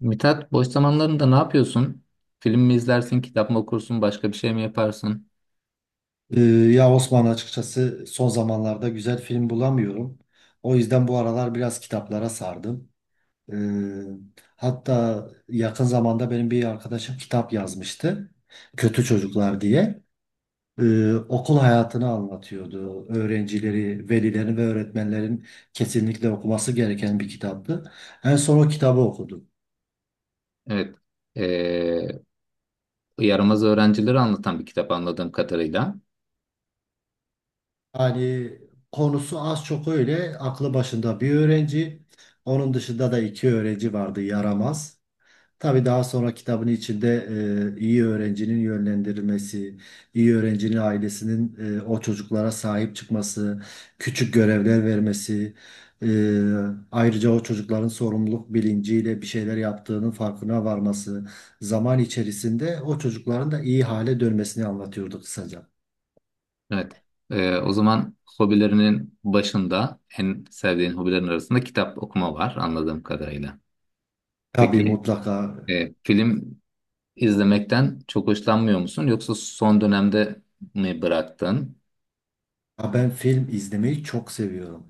Mithat, boş zamanlarında ne yapıyorsun? Film mi izlersin, kitap mı okursun, başka bir şey mi yaparsın? Ya Osman açıkçası son zamanlarda güzel film bulamıyorum. O yüzden bu aralar biraz kitaplara sardım. Ee, Hatta yakın zamanda benim bir arkadaşım kitap yazmıştı. Kötü Çocuklar diye. Okul hayatını anlatıyordu. Öğrencileri, velilerin ve öğretmenlerin kesinlikle okuması gereken bir kitaptı. En son o kitabı okudum. Evet. Ee, Yaramaz öğrencileri anlatan bir kitap anladığım kadarıyla. Hani konusu az çok öyle. Aklı başında bir öğrenci. Onun dışında da iki öğrenci vardı yaramaz. Tabii daha sonra kitabın içinde iyi öğrencinin yönlendirilmesi, iyi öğrencinin ailesinin o çocuklara sahip çıkması, küçük görevler vermesi, e, ayrıca o çocukların sorumluluk bilinciyle bir şeyler yaptığının farkına varması, zaman içerisinde o çocukların da iyi hale dönmesini anlatıyordu kısaca. Evet. O zaman hobilerinin başında, en sevdiğin hobilerin arasında kitap okuma var anladığım kadarıyla. Tabii Peki, mutlaka. Film izlemekten çok hoşlanmıyor musun? Yoksa son dönemde mi bıraktın? Ya ben film izlemeyi çok seviyorum.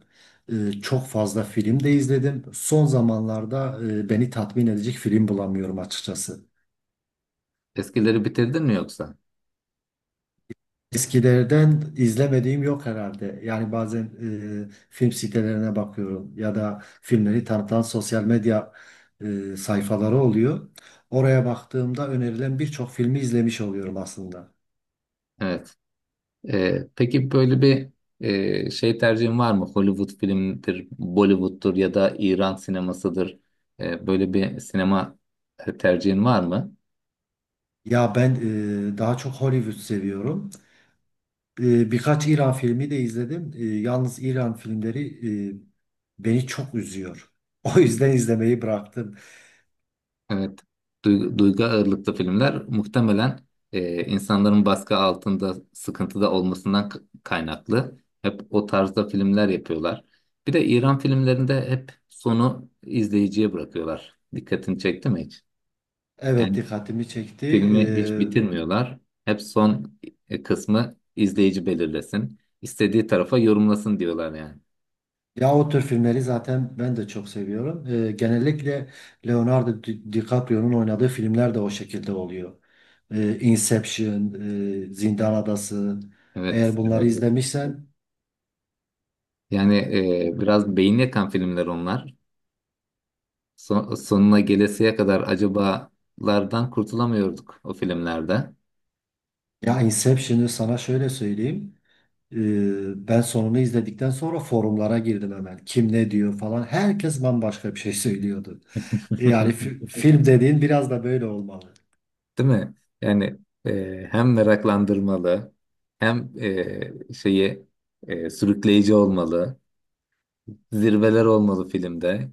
Çok fazla film de izledim. Son zamanlarda beni tatmin edecek film bulamıyorum açıkçası. Eskileri bitirdin mi yoksa? Eskilerden izlemediğim yok herhalde. Yani bazen film sitelerine bakıyorum ya da filmleri tanıtan sosyal medya sayfaları oluyor. Oraya baktığımda önerilen birçok filmi izlemiş oluyorum aslında. Evet. Peki, böyle bir şey tercihin var mı? Hollywood filmidir, Bollywood'dur ya da İran sinemasıdır. Böyle bir sinema tercihin var mı? Ya ben daha çok Hollywood seviyorum. Birkaç İran filmi de izledim. Yalnız İran filmleri e, beni çok üzüyor. O yüzden izlemeyi bıraktım. Evet. Duygu, duygu ağırlıklı filmler muhtemelen insanların baskı altında, sıkıntıda olmasından kaynaklı. Hep o tarzda filmler yapıyorlar. Bir de İran filmlerinde hep sonu izleyiciye bırakıyorlar. Dikkatini çekti mi hiç? Evet, Yani, dikkatimi çekti. E, filmi hiç bitirmiyorlar. Hep son kısmı izleyici belirlesin. İstediği tarafa yorumlasın diyorlar yani. Ya o tür filmleri zaten ben de çok seviyorum. Genellikle Leonardo DiCaprio'nun oynadığı filmler de o şekilde oluyor. Inception, Zindan Adası. Evet, Eğer bunları evet. izlemişsen. Yani biraz beyin yakan filmler onlar. Son- sonuna gelesiye kadar acabalardan kurtulamıyorduk o filmlerde. Ya Inception'ı sana şöyle söyleyeyim. Ben sonunu izledikten sonra forumlara girdim hemen. Kim ne diyor falan. Herkes bambaşka bir şey söylüyordu. Yani film dediğin biraz da böyle olmalı. Değil mi? Yani hem meraklandırmalı, hem e, şeyi sürükleyici olmalı. Zirveler olmalı filmde.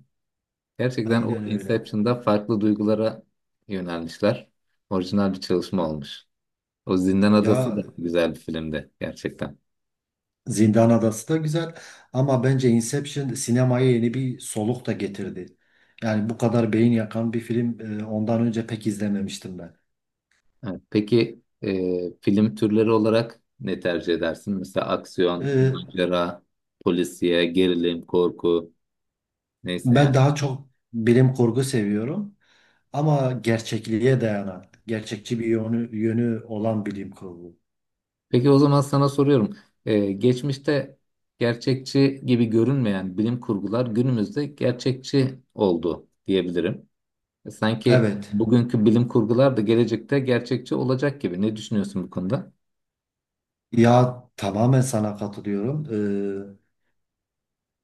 Gerçekten o Aynen öyle. Inception'da farklı duygulara yönelmişler. Orijinal bir çalışma olmuş. O Zindan Adası Ya da güzel bir filmdi gerçekten. Zindan Adası da güzel ama bence Inception sinemaya yeni bir soluk da getirdi. Yani bu kadar beyin yakan bir film ondan önce pek izlememiştim ben. Evet. Peki, film türleri olarak ne tercih edersin? Mesela aksiyon, Ee, macera, polisiye, gerilim, korku, neyse yani. Ben daha çok bilim kurgu seviyorum ama gerçekliğe dayanan, gerçekçi bir yönü olan bilim kurgu. Peki, o zaman sana soruyorum. E, geçmişte gerçekçi gibi görünmeyen bilim kurgular günümüzde gerçekçi oldu diyebilirim. E, sanki Evet. bugünkü bilim kurgular da gelecekte gerçekçi olacak gibi. Ne düşünüyorsun bu konuda? Ya tamamen sana katılıyorum.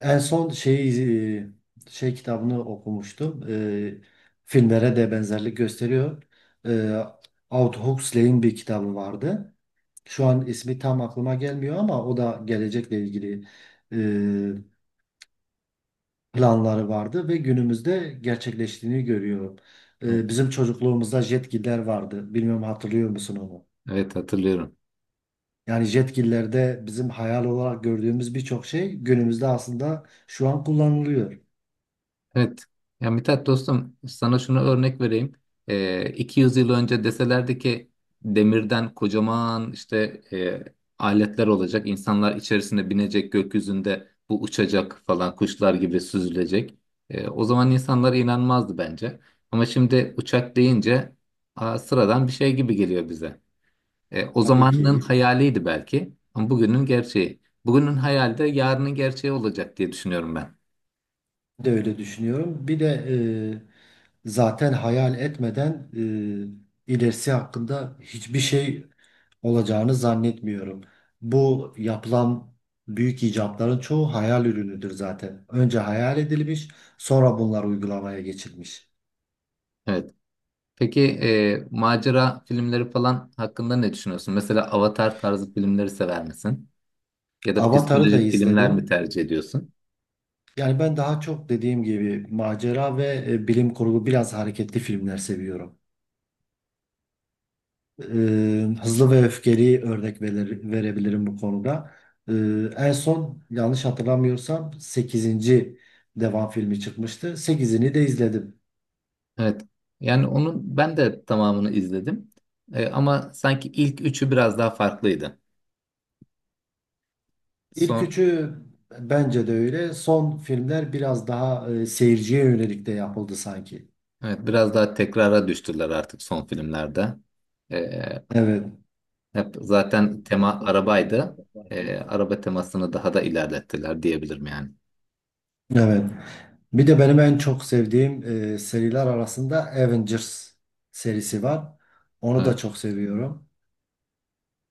En son şeyi şey kitabını okumuştum. Filmlere de benzerlik gösteriyor. Ee, Aldous Huxley'in bir kitabı vardı. Şu an ismi tam aklıma gelmiyor ama o da gelecekle ilgili e, planları vardı ve günümüzde gerçekleştiğini görüyorum. Evet, Bizim çocukluğumuzda jetgiller vardı. Bilmiyorum, hatırlıyor musun onu? evet, hatırlıyorum. Yani jetgillerde bizim hayal olarak gördüğümüz birçok şey günümüzde aslında şu an kullanılıyor. Evet. Ya Mithat dostum, sana şunu örnek vereyim. 200 yıl önce deselerdi ki demirden kocaman işte aletler olacak, insanlar içerisine binecek, gökyüzünde bu uçacak falan, kuşlar gibi süzülecek. O zaman insanlar inanmazdı bence. Ama şimdi uçak deyince, aa, sıradan bir şey gibi geliyor bize. O Tabii zamanın ki hayaliydi belki ama bugünün gerçeği. Bugünün hayali de yarının gerçeği olacak diye düşünüyorum ben. de öyle düşünüyorum. Bir de zaten hayal etmeden ilerisi hakkında hiçbir şey olacağını zannetmiyorum. Bu yapılan büyük icatların çoğu hayal ürünüdür zaten. Önce hayal edilmiş, sonra bunlar uygulamaya geçilmiş. Evet. Peki, macera filmleri falan hakkında ne düşünüyorsun? Mesela Avatar tarzı filmleri sever misin? Ya da Avatar'ı da psikolojik filmler mi izledim. tercih ediyorsun? Yani ben daha çok dediğim gibi macera ve bilim kurgu biraz hareketli filmler seviyorum. E, Hızlı ve Öfkeli örnek verebilirim bu konuda. E, En son yanlış hatırlamıyorsam sekizinci devam filmi çıkmıştı. Sekizini de izledim. Evet. Yani onun ben de tamamını izledim. E, ama sanki ilk üçü biraz daha farklıydı. İlk Son, üçü bence de öyle. Son filmler biraz daha seyirciye yönelik de yapıldı sanki. evet, biraz daha tekrara düştüler artık son filmlerde. E, Evet, hep zaten tema arabaydı. Araba temasını daha da ilerlettiler diyebilirim yani. evet. Bir de benim en çok sevdiğim seriler arasında Avengers serisi var. Onu da Evet. çok seviyorum.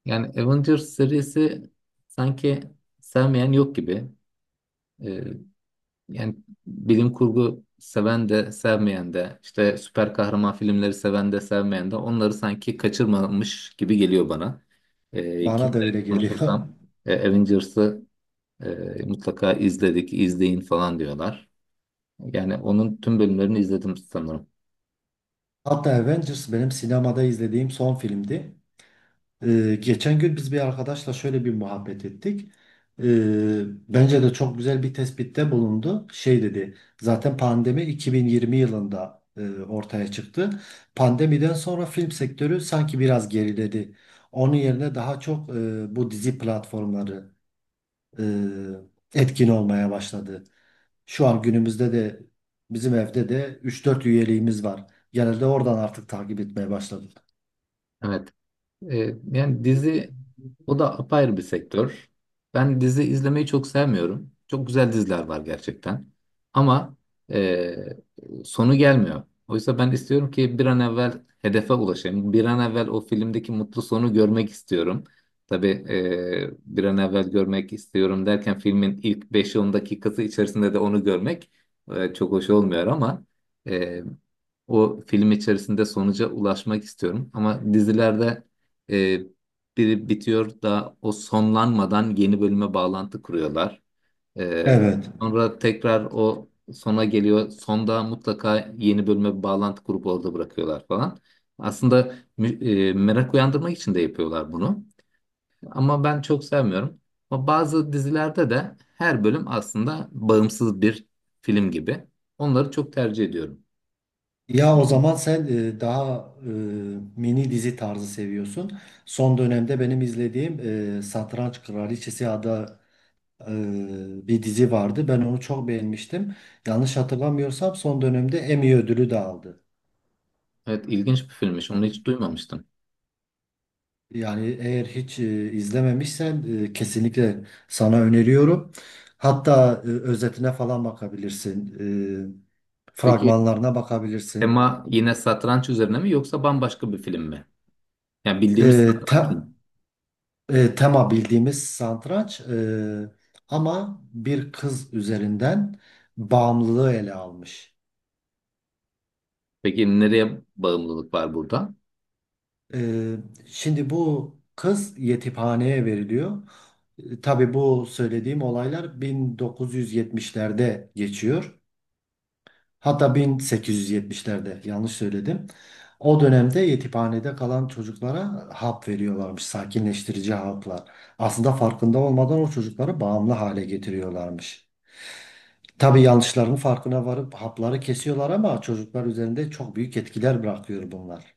Yani Avengers serisi, sanki sevmeyen yok gibi. Ee, yani bilim kurgu seven de sevmeyen de, işte süper kahraman filmleri seven de sevmeyen de, onları sanki kaçırmamış gibi geliyor bana. Bana da Kimle öyle geliyor. konuşursam Avengers'ı mutlaka izledik, izleyin falan diyorlar. Yani onun tüm bölümlerini izledim sanırım. Hatta Avengers benim sinemada izlediğim son filmdi. Geçen gün biz bir arkadaşla şöyle bir muhabbet ettik. E, Bence de çok güzel bir tespitte bulundu. Şey dedi, zaten pandemi 2020 yılında ortaya çıktı. Pandemiden sonra film sektörü sanki biraz geriledi. Onun yerine daha çok bu dizi platformları, e, etkin olmaya başladı. Şu an günümüzde de bizim evde de üç dört üyeliğimiz var. Genelde oradan artık takip etmeye başladık. Evet. E, yani dizi, o da apayrı bir sektör. Ben dizi izlemeyi çok sevmiyorum. Çok güzel diziler var gerçekten. Ama e, sonu gelmiyor. Oysa ben istiyorum ki bir an evvel hedefe ulaşayım. Bir an evvel o filmdeki mutlu sonu görmek istiyorum. Tabii bir an evvel görmek istiyorum derken filmin ilk beş 10 dakikası içerisinde de onu görmek çok hoş olmuyor ama e, o film içerisinde sonuca ulaşmak istiyorum. Ama dizilerde e, biri bitiyor da o sonlanmadan yeni bölüme bağlantı kuruyorlar. E, Evet. Sonra tekrar o sona geliyor. Sonda mutlaka yeni bölüme bir bağlantı kurup orada bırakıyorlar falan. Aslında merak uyandırmak için de yapıyorlar bunu. Ama ben çok sevmiyorum. Ama bazı dizilerde de her bölüm aslında bağımsız bir film gibi. Onları çok tercih ediyorum. Ya o zaman sen daha mini dizi tarzı seviyorsun. Son dönemde benim izlediğim Satranç Kraliçesi adı bir dizi vardı. Ben onu çok beğenmiştim. Yanlış hatırlamıyorsam son dönemde Emmy ödülü de aldı. Evet, ilginç bir filmmiş. Onu hiç duymamıştım. Yani eğer hiç izlememişsen kesinlikle sana öneriyorum. Hatta özetine falan bakabilirsin. Peki, Fragmanlarına bakabilirsin. tema yine satranç üzerine mi yoksa bambaşka bir film mi? Yani E, bildiğimiz te- satranç mı? Tema bildiğimiz satranç ama bir kız üzerinden bağımlılığı ele almış. Peki, nereye bağımlılık var burada? E, Şimdi bu kız yetimhaneye veriliyor. E, tabii bu söylediğim olaylar 1970'lerde geçiyor. Hatta 1870'lerde yanlış söyledim. O dönemde yetimhanede kalan çocuklara hap veriyorlarmış, sakinleştirici haplar. Aslında farkında olmadan o çocukları bağımlı hale getiriyorlarmış. Tabii yanlışlarının farkına varıp hapları kesiyorlar ama çocuklar üzerinde çok büyük etkiler bırakıyor bunlar.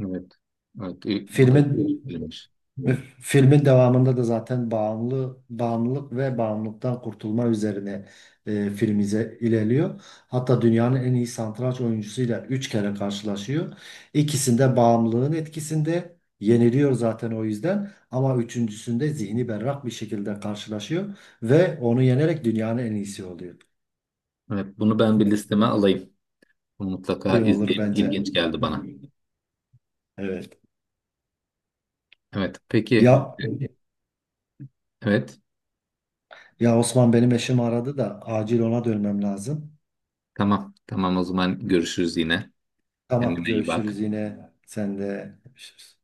Evet. Evet, o da Filmin ilginç bir filmmiş. Filmin devamında da zaten bağımlılık ve bağımlılıktan kurtulma üzerine film ilerliyor. Hatta dünyanın en iyi satranç oyuncusuyla 3 kere karşılaşıyor. İkisinde bağımlılığın etkisinde yeniliyor zaten o yüzden ama üçüncüsünde zihni berrak bir şekilde karşılaşıyor ve onu yenerek dünyanın en iyisi oluyor. Evet, bunu ben bir listeme alayım. Bunu mutlaka İyi olur izleyeyim. bence. İlginç geldi bana. Evet. Evet, peki. Ya Evet, ya Osman, benim eşim aradı da acil ona dönmem lazım. tamam. Tamam, o zaman görüşürüz yine. Tamam, Kendine iyi bak. görüşürüz yine. Sen de görüşürüz.